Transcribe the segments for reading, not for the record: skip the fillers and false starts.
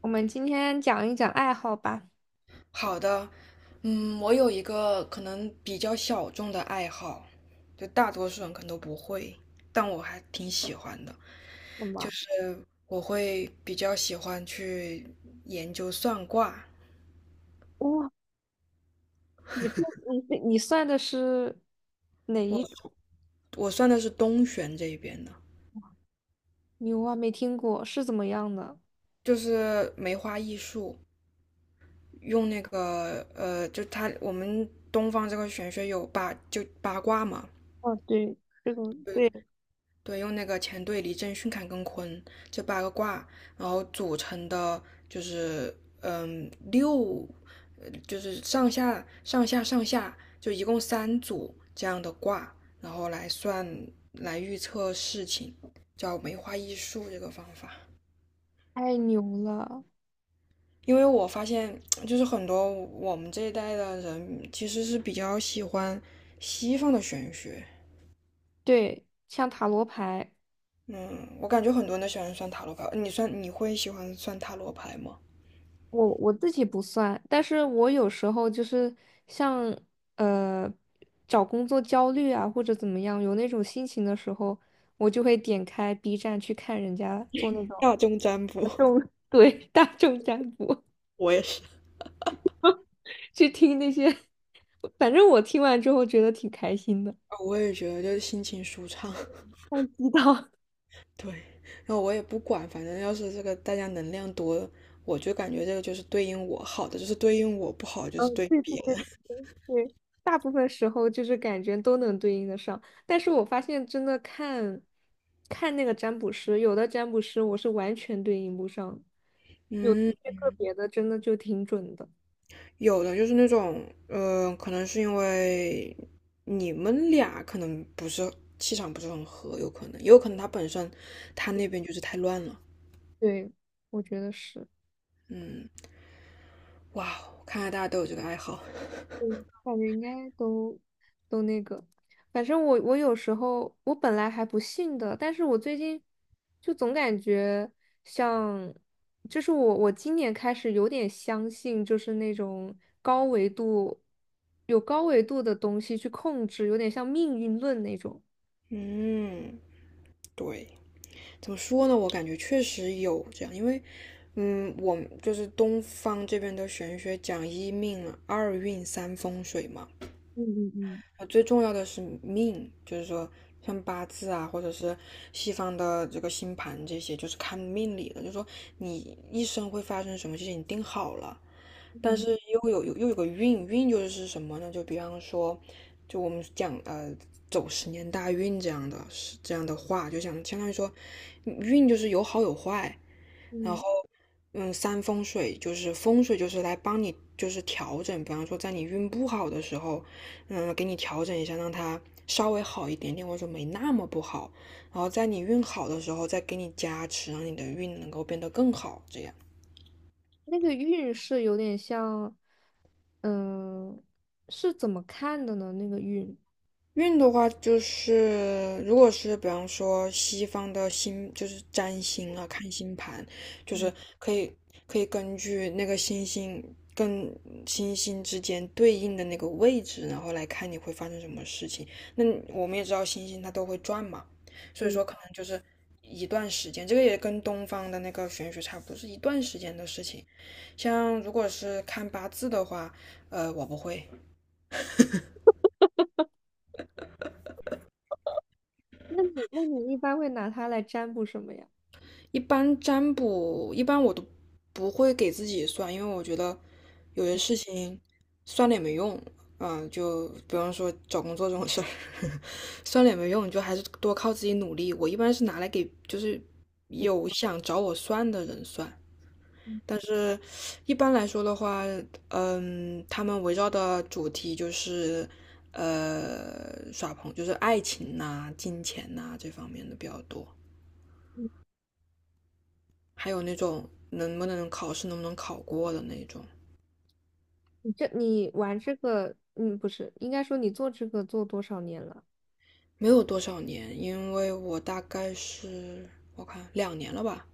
我们今天讲一讲爱好吧。好的，我有一个可能比较小众的爱好，就大多数人可能都不会，但我还挺喜欢的，什就么？是我会比较喜欢去研究算卦。哇，你这你算的是哪我一种？我算的是东玄这一边的，牛啊，没听过，是怎么样的？就是梅花易数，用那个就它我们东方这个玄学有就八卦嘛，哦，对，这种对，对，用那个乾兑离震巽坎艮坤这八个卦，然后组成的就是六，就是上下上下上下，就一共三组这样的卦，然后来预测事情，叫梅花易数这个方法。太牛了。因为我发现，就是很多我们这一代的人其实是比较喜欢西方的玄学。对，像塔罗牌，嗯，我感觉很多人都喜欢算塔罗牌。你会喜欢算塔罗牌吗？我自己不算，但是我有时候就是像呃找工作焦虑啊，或者怎么样，有那种心情的时候，我就会点开 B 站去看人家做那种大众占卜，大众，对，大众占卜。我也是，去听那些，反正我听完之后觉得挺开心的。啊我也觉得就是心情舒畅，像鸡汤，对，然后我也不管，反正要是这个大家能量多，我就感觉这个就是对应我好的，就是对应我不好，就嗯，是对对对别对的。对，大部分时候就是感觉都能对应得上，但是我发现真的看，看那个占卜师，有的占卜师我是完全对应不上的，有一嗯，些个别的真的就挺准的。有的就是那种，可能是因为你们俩可能不是气场不是很合，有可能，也有可能他本身他那边就是太乱了。对，我觉得是，嗯，哇，看来大家都有这个爱好。嗯，感觉应该都。个。反正我有时候我本来还不信的，但是我最近就总感觉像，就是我今年开始有点相信，就是那种高维度有高维度的东西去控制，有点像命运论那种。嗯，对。怎么说呢？我感觉确实有这样，因为，我就是东方这边的玄学讲一命啊、二运、三风水嘛，嗯嗯嗯最重要的是命，就是说像八字啊，或者是西方的这个星盘这些，就是看命理的，就是说你一生会发生什么事情，你定好了，但嗯。是又有个运，运就是什么呢？就比方说，就我们讲走10年大运这样的话，就想相当于说，运就是有好有坏，然后嗯，三风水就是风水就是来帮你就是调整，比方说在你运不好的时候，给你调整一下，让它稍微好一点点，或者说没那么不好，然后在你运好的时候再给你加持，让你的运能够变得更好，这样。那个运是有点像，嗯、是怎么看的呢？那个运，运的话，就是如果是比方说西方的星，就是占星啊，看星盘，就是可以可以根据那个星星跟星星之间对应的那个位置，然后来看你会发生什么事情。那我们也知道星星它都会转嘛，所以说可能就是一段时间，这个也跟东方的那个玄学差不多，是一段时间的事情。像如果是看八字的话，我不会。那你一般会拿它来占卜什么呀？一般占卜，一般我都不会给自己算，因为我觉得有些事情算了也没用。就比方说找工作这种事儿，算了也没用，你就还是多靠自己努力。我一般是拿来给就是有想找我算的人算，但是一般来说的话，他们围绕的主题就是耍朋，就是爱情呐、金钱呐、这方面的比较多。还有那种能不能考过的那种。你这你玩这个，嗯，不是，应该说你做这个做多少年了？没有多少年，因为我大概是我看2年了吧，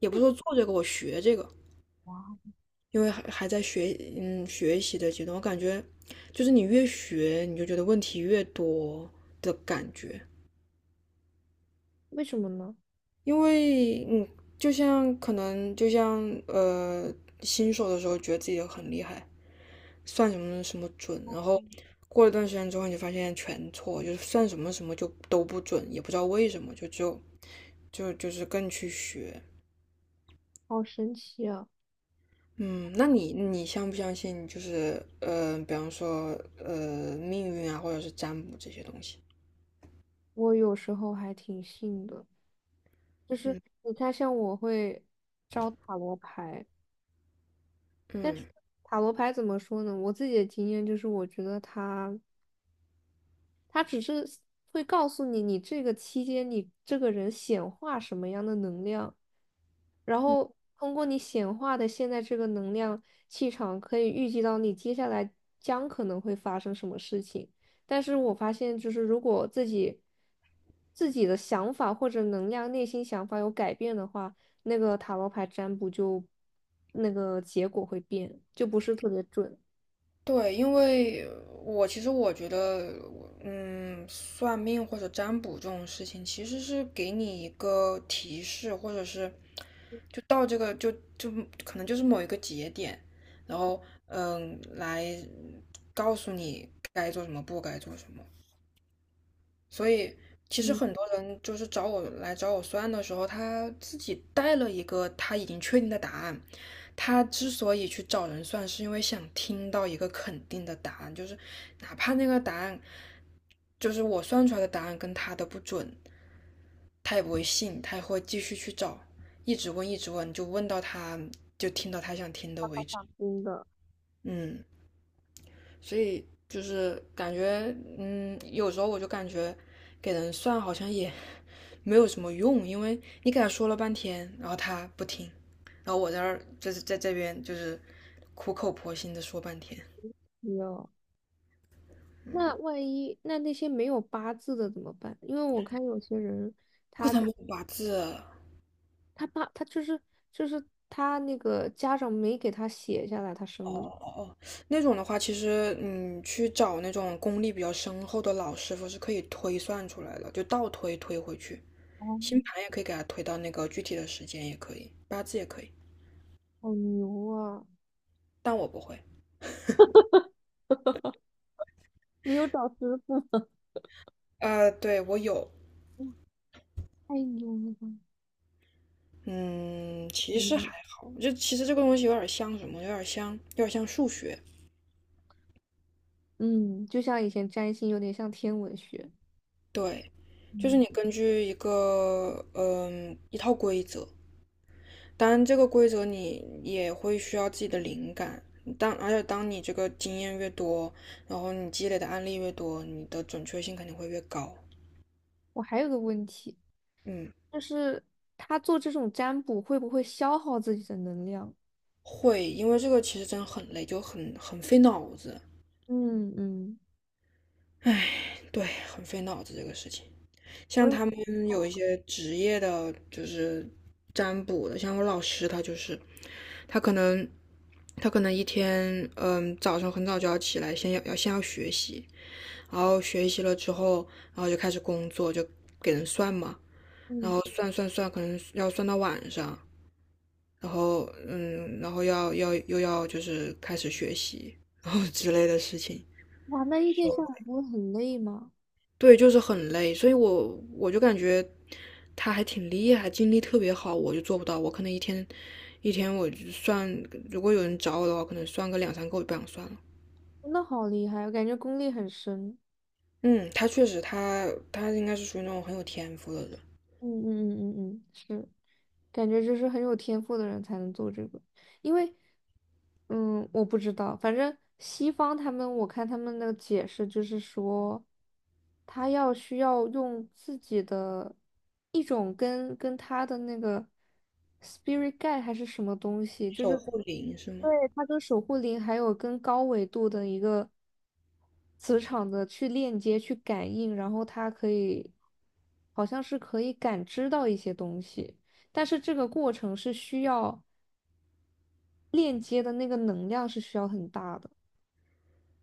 也不是说做这个，我学这个，因为还在学习的阶段，我感觉就是你越学，你就觉得问题越多的感觉，为什么呢？因为就像可能新手的时候觉得自己很厉害，算什么什么准，然后过了一段时间之后，你就发现全错，就是算什么什么就都不准，也不知道为什么，就是更去学。好神奇啊！嗯，那你相不相信就是比方说命运啊，或者是占卜这些东西？我有时候还挺信的，就是嗯你看，像我会招塔罗牌，但是嗯塔罗牌怎么说呢？我自己的经验就是，我觉得它只是会告诉你，你这个期间你这个人显化什么样的能量，然后通过你显化的现在这个能量气场，可以预计到你接下来将可能会发生什么事情。但是我发现，就是如果自己的想法或者能量、内心想法有改变的话，那个塔罗牌占卜就那个结果会变，就不是特别准。对，因为其实我觉得，算命或者占卜这种事情，其实是给你一个提示，或者是就到这个就可能就是某一个节点，然后来告诉你该做什么，不该做什么。所以其实嗯，很多人就是找我算的时候，他自己带了一个他已经确定的答案。他之所以去找人算，是因为想听到一个肯定的答案，就是哪怕那个答案就是我算出来的答案跟他的不准，他也不会信，他也会继续去找，一直问，一直问，就听到他想听的为止。真的，嗯。所以就是感觉，有时候我就感觉给人算好像也 没有什么用，因为你给他说了半天，然后他不听，然后我在这儿就是在这边就是苦口婆心的说半天，没有。那万一那些没有八字的怎么办？因为我看有些人，我给他们八字。他就是就是他那个家长没给他写下来，他哦生的哦哦，那种的话，其实去找那种功力比较深厚的老师傅是可以推算出来的，就倒推推回去，哦，星盘也可以给他推到那个具体的时间，也可以，八字也可以，好牛啊！但我不会。你有找师傅，对，我有，太牛了吧！嗯，其实还嗯好，就其实这个东西有点像什么，有点像数学。嗯，就像以前占星有点像天文学。对，就是嗯，你根据一个嗯一套规则，当然这个规则你也会需要自己的灵感。而且当你这个经验越多，然后你积累的案例越多，你的准确性肯定会越高。我还有个问题，嗯，就是他做这种占卜会不会消耗自己的能量？会，因为这个其实真的很累，就很费脑子。嗯嗯，唉，对，很费脑子这个事情。像我也他们有一哦，些职业的，就是占卜的，像我老师他就是，他可能他可能一天，早上很早就要起来，先要学习，然后学习了之后，然后就开始工作，就给人算嘛，然嗯，后算算算，可能要算到晚上，然后然后又要就是开始学习 然后之类的事情。哇，那一天下来不会很累吗？对，就是很累，所以我就感觉他还挺厉害，精力特别好，我就做不到。我可能一天我就算，如果有人找我的话，可能算个两三个，我就不想算了。真的好厉害，我感觉功力很深。嗯，他确实他，他应该是属于那种很有天赋的人，嗯嗯嗯嗯嗯，是。感觉就是很有天赋的人才能做这个，因为，嗯，我不知道，反正西方他们，我看他们的解释就是说，他要需要用自己的一种跟他的那个 spirit guide 还是什么东西，就守是护灵是吗？对，他跟守护灵还有跟高维度的一个磁场的去链接、去感应，然后他可以好像是可以感知到一些东西。但是这个过程是需要链接的那个能量是需要很大的，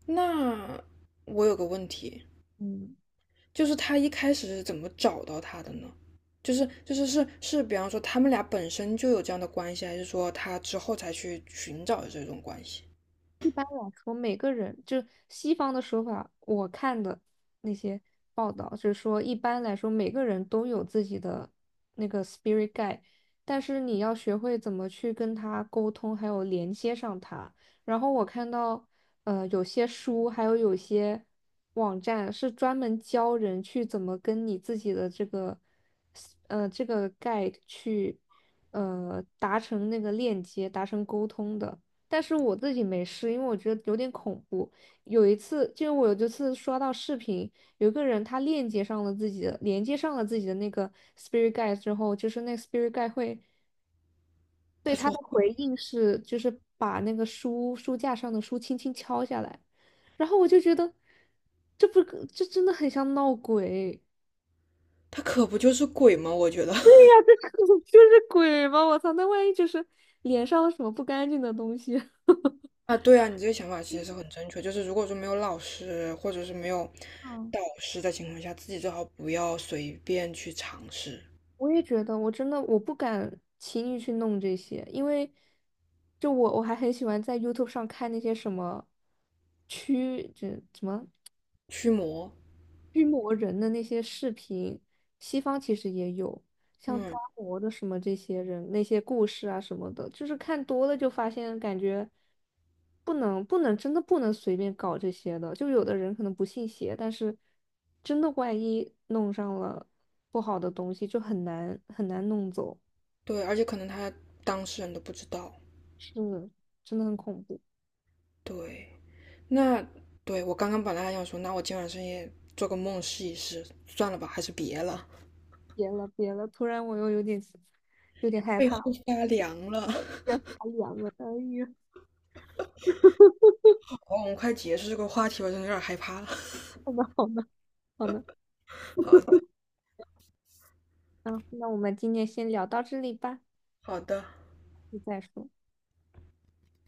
那我有个问题，嗯。就是他一开始是怎么找到他的呢？就是，比方说他们俩本身就有这样的关系，还是说他之后才去寻找的这种关系？一般来说，每个人就西方的说法，我看的那些报道就是说，一般来说每个人都有自己的那个 spirit guide,但是你要学会怎么去跟他沟通，还有连接上他。然后我看到，有些书还有有些网站是专门教人去怎么跟你自己的这个，这个 guide 去，达成那个链接，达成沟通的。但是我自己没事，因为我觉得有点恐怖。有一次，就是我有一次刷到视频，有一个人他链接上了自己的，连接上了自己的那个 spirit g u i d 之后，就是那个 spirit g u i 会对他他说的回应是，就是把那个书书架上的书轻轻敲下来，然后我就觉得，这不可，这真的很像闹鬼。他可不就是鬼吗？我觉得 呀，这就是鬼吗？我操，那万一就是脸上有什么不干净的东西？啊，对啊，你这个想法其实是很正确。就是如果说没有老师或者是没有嗯，导师的情况下，自己最好不要随便去尝试我也觉得，我真的我不敢轻易去弄这些，因为就我还很喜欢在 YouTube 上看那些什么驱这什么驱魔。驱魔人的那些视频，西方其实也有，像抓嗯，魔的什么这些人那些故事啊什么的，就是看多了就发现感觉不能真的不能随便搞这些的，就有的人可能不信邪，但是真的万一弄上了不好的东西，就很难弄走。对，而且可能当事人都不知道。是，真的很恐怖。对，那对我刚刚本来还想说，那我今晚深夜做个梦试一试，算了吧，还是别了，别了，别了，突然我又有点害背后怕，发凉了。要发凉了。哎呀，好，我们快结束这个话题吧，真的有点害怕了。好的，好的，好的。好的，嗯，那我们今天先聊到这里吧，好的。再说。